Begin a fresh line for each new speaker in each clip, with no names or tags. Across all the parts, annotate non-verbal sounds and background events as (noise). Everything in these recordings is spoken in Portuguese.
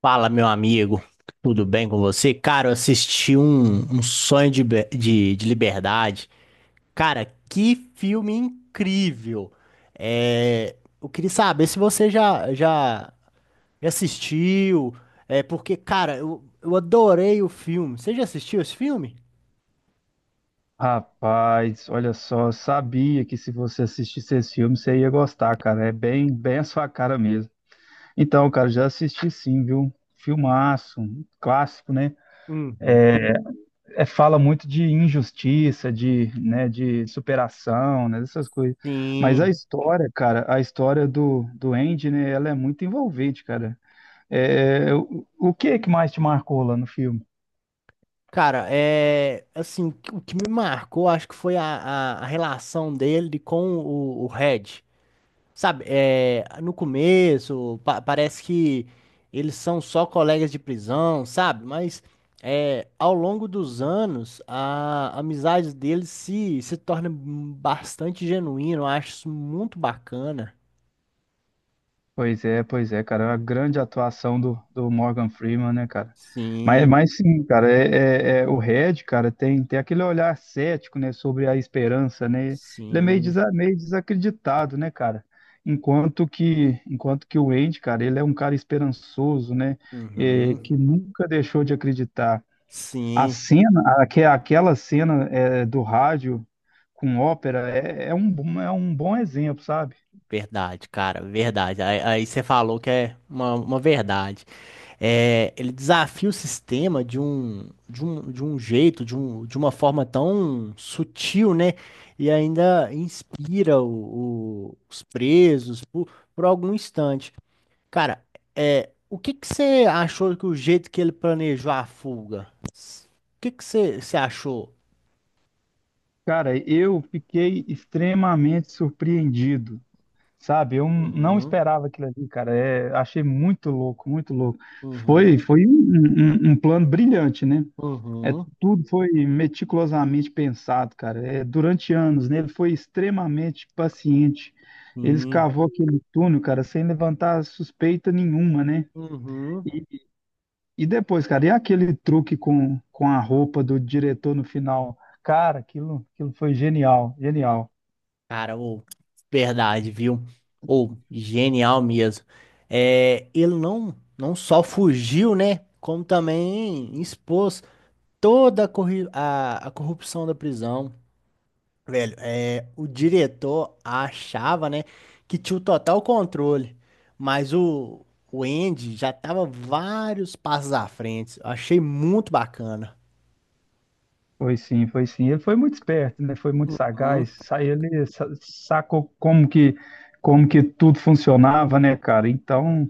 Fala, meu amigo, tudo bem com você? Cara, eu assisti um Sonho de, de Liberdade. Cara, que filme incrível! Eu queria saber se você já assistiu, porque, cara, eu adorei o filme. Você já assistiu esse filme?
Rapaz, olha só, eu sabia que se você assistisse esse filme, você ia gostar, cara. É bem, bem a sua cara mesmo. Então, cara, já assisti sim, viu? Filmaço, um clássico, né?
Uhum.
É, fala muito de injustiça, de, né, de superação, né, dessas coisas. Mas a
Sim.
história, cara, a história do Andy, né, ela é muito envolvente, cara. O que que mais te marcou lá no filme?
Cara, é assim, o que me marcou, acho que foi a, a relação dele com o Red. Sabe, é, no começo parece que eles são só colegas de prisão, sabe? Mas é, ao longo dos anos a amizade deles se torna bastante genuína, eu acho isso muito bacana.
Pois é, cara. A grande atuação do Morgan Freeman, né, cara? Mas,
Sim,
mas sim, cara, o Red, cara, tem aquele olhar cético, né, sobre a esperança, né? Ele é meio,
sim,
meio desacreditado, né, cara? Enquanto que o Andy, cara, ele é um cara esperançoso, né? É,
uhum,
que nunca deixou de acreditar. A
sim,
cena, aquela cena é, do rádio com ópera é, é um bom exemplo, sabe?
verdade, cara, verdade. Aí você falou que é uma verdade. É, ele desafia o sistema de um jeito, de uma forma tão sutil, né? E ainda inspira os presos por algum instante. Cara, é, o que que você achou que o jeito que ele planejou a fuga? O que que você achou?
Cara, eu fiquei extremamente surpreendido, sabe? Eu não
Uhum,
esperava aquilo ali, cara. É, achei muito louco, muito louco. Foi,
uhum,
foi um, um plano brilhante, né? É,
uhum,
tudo foi meticulosamente pensado, cara. É, durante anos, né? Ele foi extremamente paciente. Ele
sim,
escavou aquele túnel, cara, sem levantar suspeita nenhuma, né?
uhum.
E, e depois, cara, e aquele truque com a roupa do diretor no final? Cara, aquilo, aquilo foi genial, genial.
Cara, ou verdade, viu? Ou genial mesmo. É, ele não só fugiu, né? Como também expôs toda a, a corrupção da prisão. Velho, é, o diretor achava, né, que tinha o total controle, mas o Andy já tava vários passos à frente. Eu achei muito bacana.
Foi sim, foi sim. Ele foi muito esperto, né? Foi muito
Hum,
sagaz. Ele sacou como que tudo funcionava, né, cara? Então,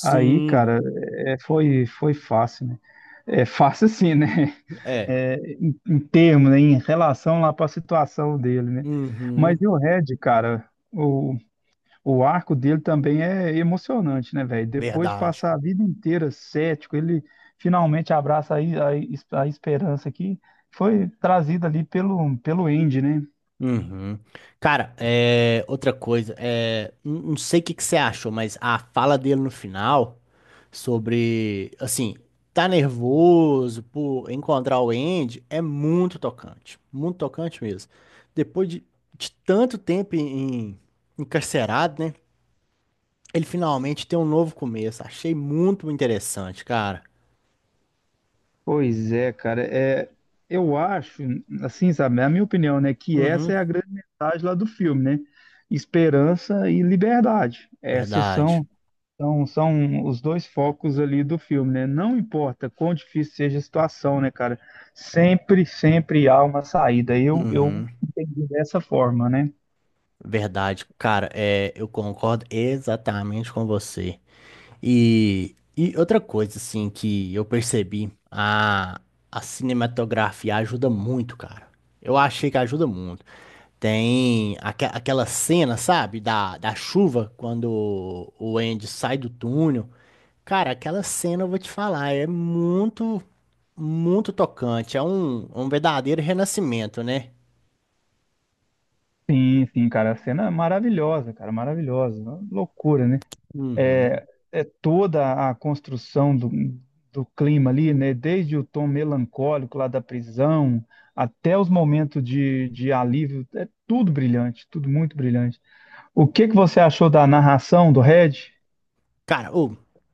aí, cara, é, foi, foi fácil, né? É fácil sim, né? (laughs)
é.
É, em, em termos, né? Em relação lá para a situação dele, né? Mas
Uhum,
e o Red, cara? O arco dele também é emocionante, né, velho? Depois de
verdade.
passar a vida inteira cético, ele finalmente abraça a esperança que foi trazida ali pelo, pelo Andy, né?
Uhum. Cara, é, outra coisa, é, não sei o que que você achou, mas a fala dele no final sobre, assim, tá nervoso por encontrar o Andy é muito tocante mesmo. Depois de tanto tempo encarcerado, né? Ele finalmente tem um novo começo. Achei muito interessante, cara.
Pois é, cara. É, eu acho, assim, sabe, é a minha opinião, né, que essa
Uhum,
é a grande mensagem lá do filme, né? Esperança e liberdade. Essas
verdade.
são. Então, são os dois focos ali do filme, né? Não importa quão difícil seja a situação, né, cara? Sempre, sempre há uma saída. Eu
Uhum,
entendi dessa forma, né?
verdade, cara. É, eu concordo exatamente com você. E outra coisa, assim, que eu percebi, a cinematografia ajuda muito, cara. Eu achei que ajuda muito. Tem aquela cena, sabe, da, da chuva, quando o Andy sai do túnel. Cara, aquela cena, eu vou te falar, é muito, muito tocante. É um, um verdadeiro renascimento, né?
Sim, sim, cara. A cena é maravilhosa, cara, maravilhosa. Uma loucura, né?
Uhum.
É, é toda a construção do clima ali, né? Desde o tom melancólico lá da prisão até os momentos de alívio. É tudo brilhante, tudo muito brilhante. O que que você achou da narração do Red?
Cara, ô,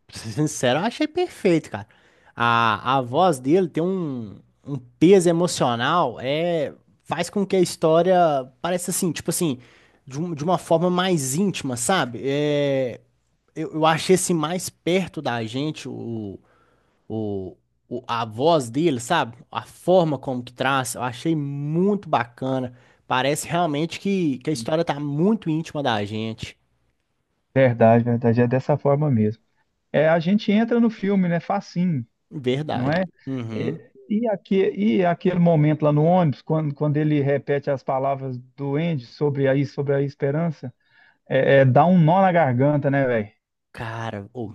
pra ser sincero, eu achei perfeito, cara. A voz dele tem um, um peso emocional, é, faz com que a história pareça assim, tipo assim, de uma forma mais íntima, sabe? É, eu achei assim mais perto da gente o, o, a voz dele, sabe? A forma como que traz, eu achei muito bacana. Parece realmente que a história tá muito íntima da gente.
Verdade, verdade. É dessa forma mesmo. É, a gente entra no filme, né? Facinho, não
Verdade.
é?
Uhum.
E aquele momento lá no ônibus, quando, quando ele repete as palavras do Andy sobre a, sobre a esperança, é, é, dá um nó na garganta, né, velho?
Cara, ô.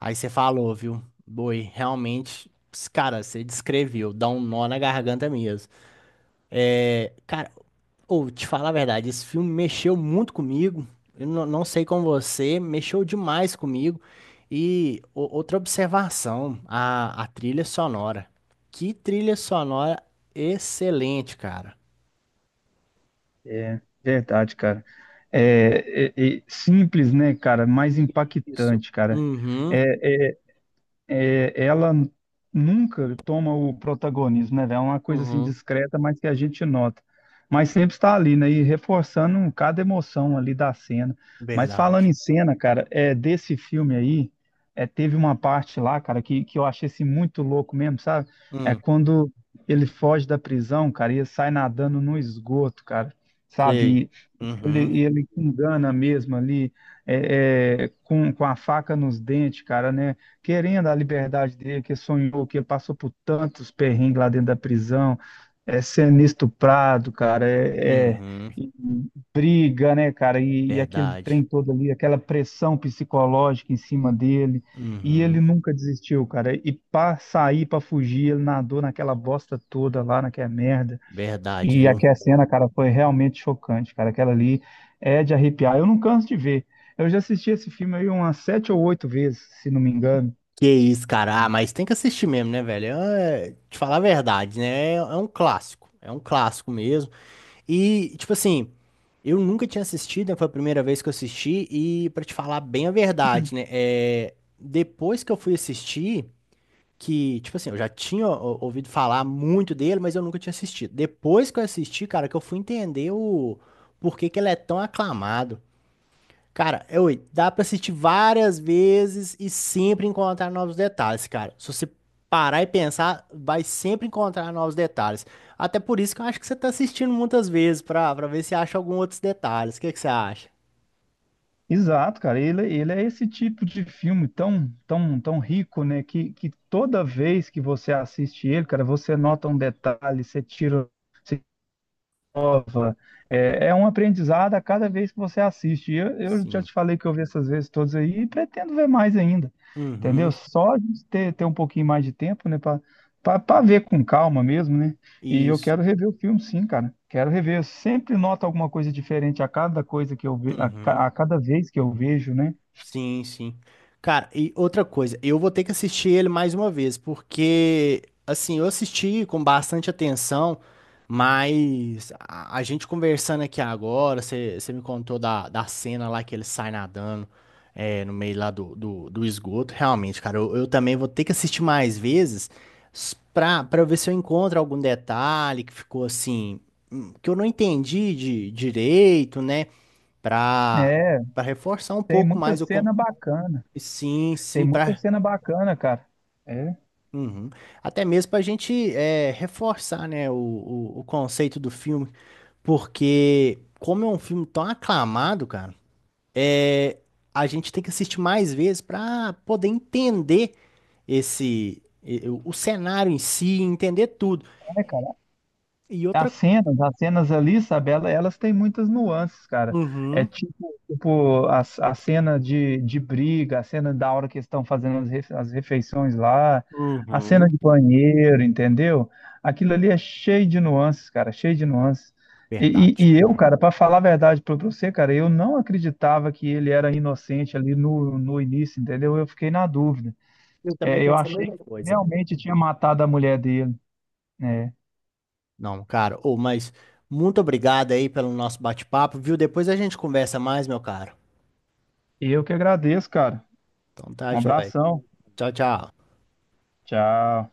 Aí você falou, viu? Boi, realmente, cara, você descreveu, dá um nó na garganta mesmo. É, cara, ou te falar a verdade, esse filme mexeu muito comigo. Eu não sei com você, mexeu demais comigo. E outra observação, a trilha sonora. Que trilha sonora excelente, cara.
É, verdade, cara. É, é, é simples, né, cara? Mais
Isso.
impactante, cara.
Uhum,
É, é, ela nunca toma o protagonismo, né, velho? É uma coisa assim
uhum,
discreta, mas que a gente nota. Mas sempre está ali, né? E reforçando cada emoção ali da cena. Mas falando
verdade.
em cena, cara, é desse filme aí, é, teve uma parte lá, cara, que eu achei assim, muito louco mesmo, sabe? É
Hum,
quando ele foge da prisão, cara, e ele sai nadando no esgoto, cara.
sei.
Sabe? Ele, e
Uhum,
ele te engana mesmo ali, é, é, com a faca nos dentes, cara, né? Querendo a liberdade dele, que sonhou, que ele passou por tantos perrengues lá dentro da prisão, é sendo estuprado, cara,
uhum,
e briga, né, cara? E aquele
verdade.
trem todo ali, aquela pressão psicológica em cima dele. E
Uhum.
ele nunca desistiu, cara. E pra sair, pra fugir, ele nadou naquela bosta toda lá, naquela merda.
Verdade,
E
viu?
aquela cena, cara, foi realmente chocante, cara. Aquela ali é de arrepiar. Eu não canso de ver. Eu já assisti esse filme aí umas 7 ou 8 vezes, se não me engano.
Que isso, cara. Ah, mas tem que assistir mesmo, né, velho? É, te falar a verdade, né? É um clássico. É um clássico mesmo. E, tipo assim, eu nunca tinha assistido, né? Foi a primeira vez que eu assisti. E, pra te falar bem a verdade, né? É, depois que eu fui assistir, que, tipo assim, eu já tinha ó, ouvido falar muito dele, mas eu nunca tinha assistido. Depois que eu assisti, cara, que eu fui entender o porquê que ele é tão aclamado. Cara, é, oi, dá pra assistir várias vezes e sempre encontrar novos detalhes, cara. Se você parar e pensar, vai sempre encontrar novos detalhes. Até por isso que eu acho que você tá assistindo muitas vezes pra ver se acha algum outros detalhes. O que que você acha?
Exato, cara. Ele é esse tipo de filme tão, tão, tão rico, né? Que toda vez que você assiste ele, cara, você nota um detalhe, você tira, você nova. É, é um aprendizado a cada vez que você assiste. E eu já
Sim.
te falei que eu vi essas vezes todas aí e pretendo ver mais ainda. Entendeu?
Uhum,
Só a gente ter, ter um pouquinho mais de tempo, né? Para ver com calma mesmo, né? E eu
isso.
quero rever o filme, sim, cara. Quero rever. Eu sempre noto alguma coisa diferente a cada coisa que eu ve, a,
Uhum.
a cada vez que eu vejo, né?
Sim, sim. Cara, e outra coisa, eu vou ter que assistir ele mais uma vez, porque, assim, eu assisti com bastante atenção, mas a gente conversando aqui agora, você me contou da, da cena lá que ele sai nadando, é, no meio lá do, do esgoto. Realmente, cara, eu também vou ter que assistir mais vezes pra, pra ver se eu encontro algum detalhe que ficou assim, que eu não entendi de direito, né? Pra,
É,
Pra reforçar um
tem
pouco
muita
mais o. con-
cena bacana.
Sim,
Tem
sim,
muita
para
cena bacana, cara. É,
até mesmo para a gente é, reforçar, né, o, o conceito do filme, porque como é um filme tão aclamado, cara, é, a gente tem que assistir mais vezes para poder entender esse o cenário em si, entender tudo.
é, cara.
E outra,
As cenas ali, sabe, elas têm muitas nuances, cara. É
uhum,
tipo, tipo a cena de briga, a cena da hora que eles estão fazendo as, as refeições lá, a cena
uhum,
de banheiro, entendeu? Aquilo ali é cheio de nuances, cara, cheio de nuances. E,
verdade.
e- e eu, cara, pra falar a verdade pra você, cara, eu não acreditava que ele era inocente ali no, no início, entendeu? Eu fiquei na dúvida.
Eu também
É, eu
pensei a
achei que
mesma coisa.
realmente tinha matado a mulher dele, né?
Não, cara, ou mas muito obrigado aí pelo nosso bate-papo, viu? Depois a gente conversa mais, meu cara.
E eu que agradeço, cara.
Então tá,
Um
joia.
abração.
Tchau, tchau.
Tchau.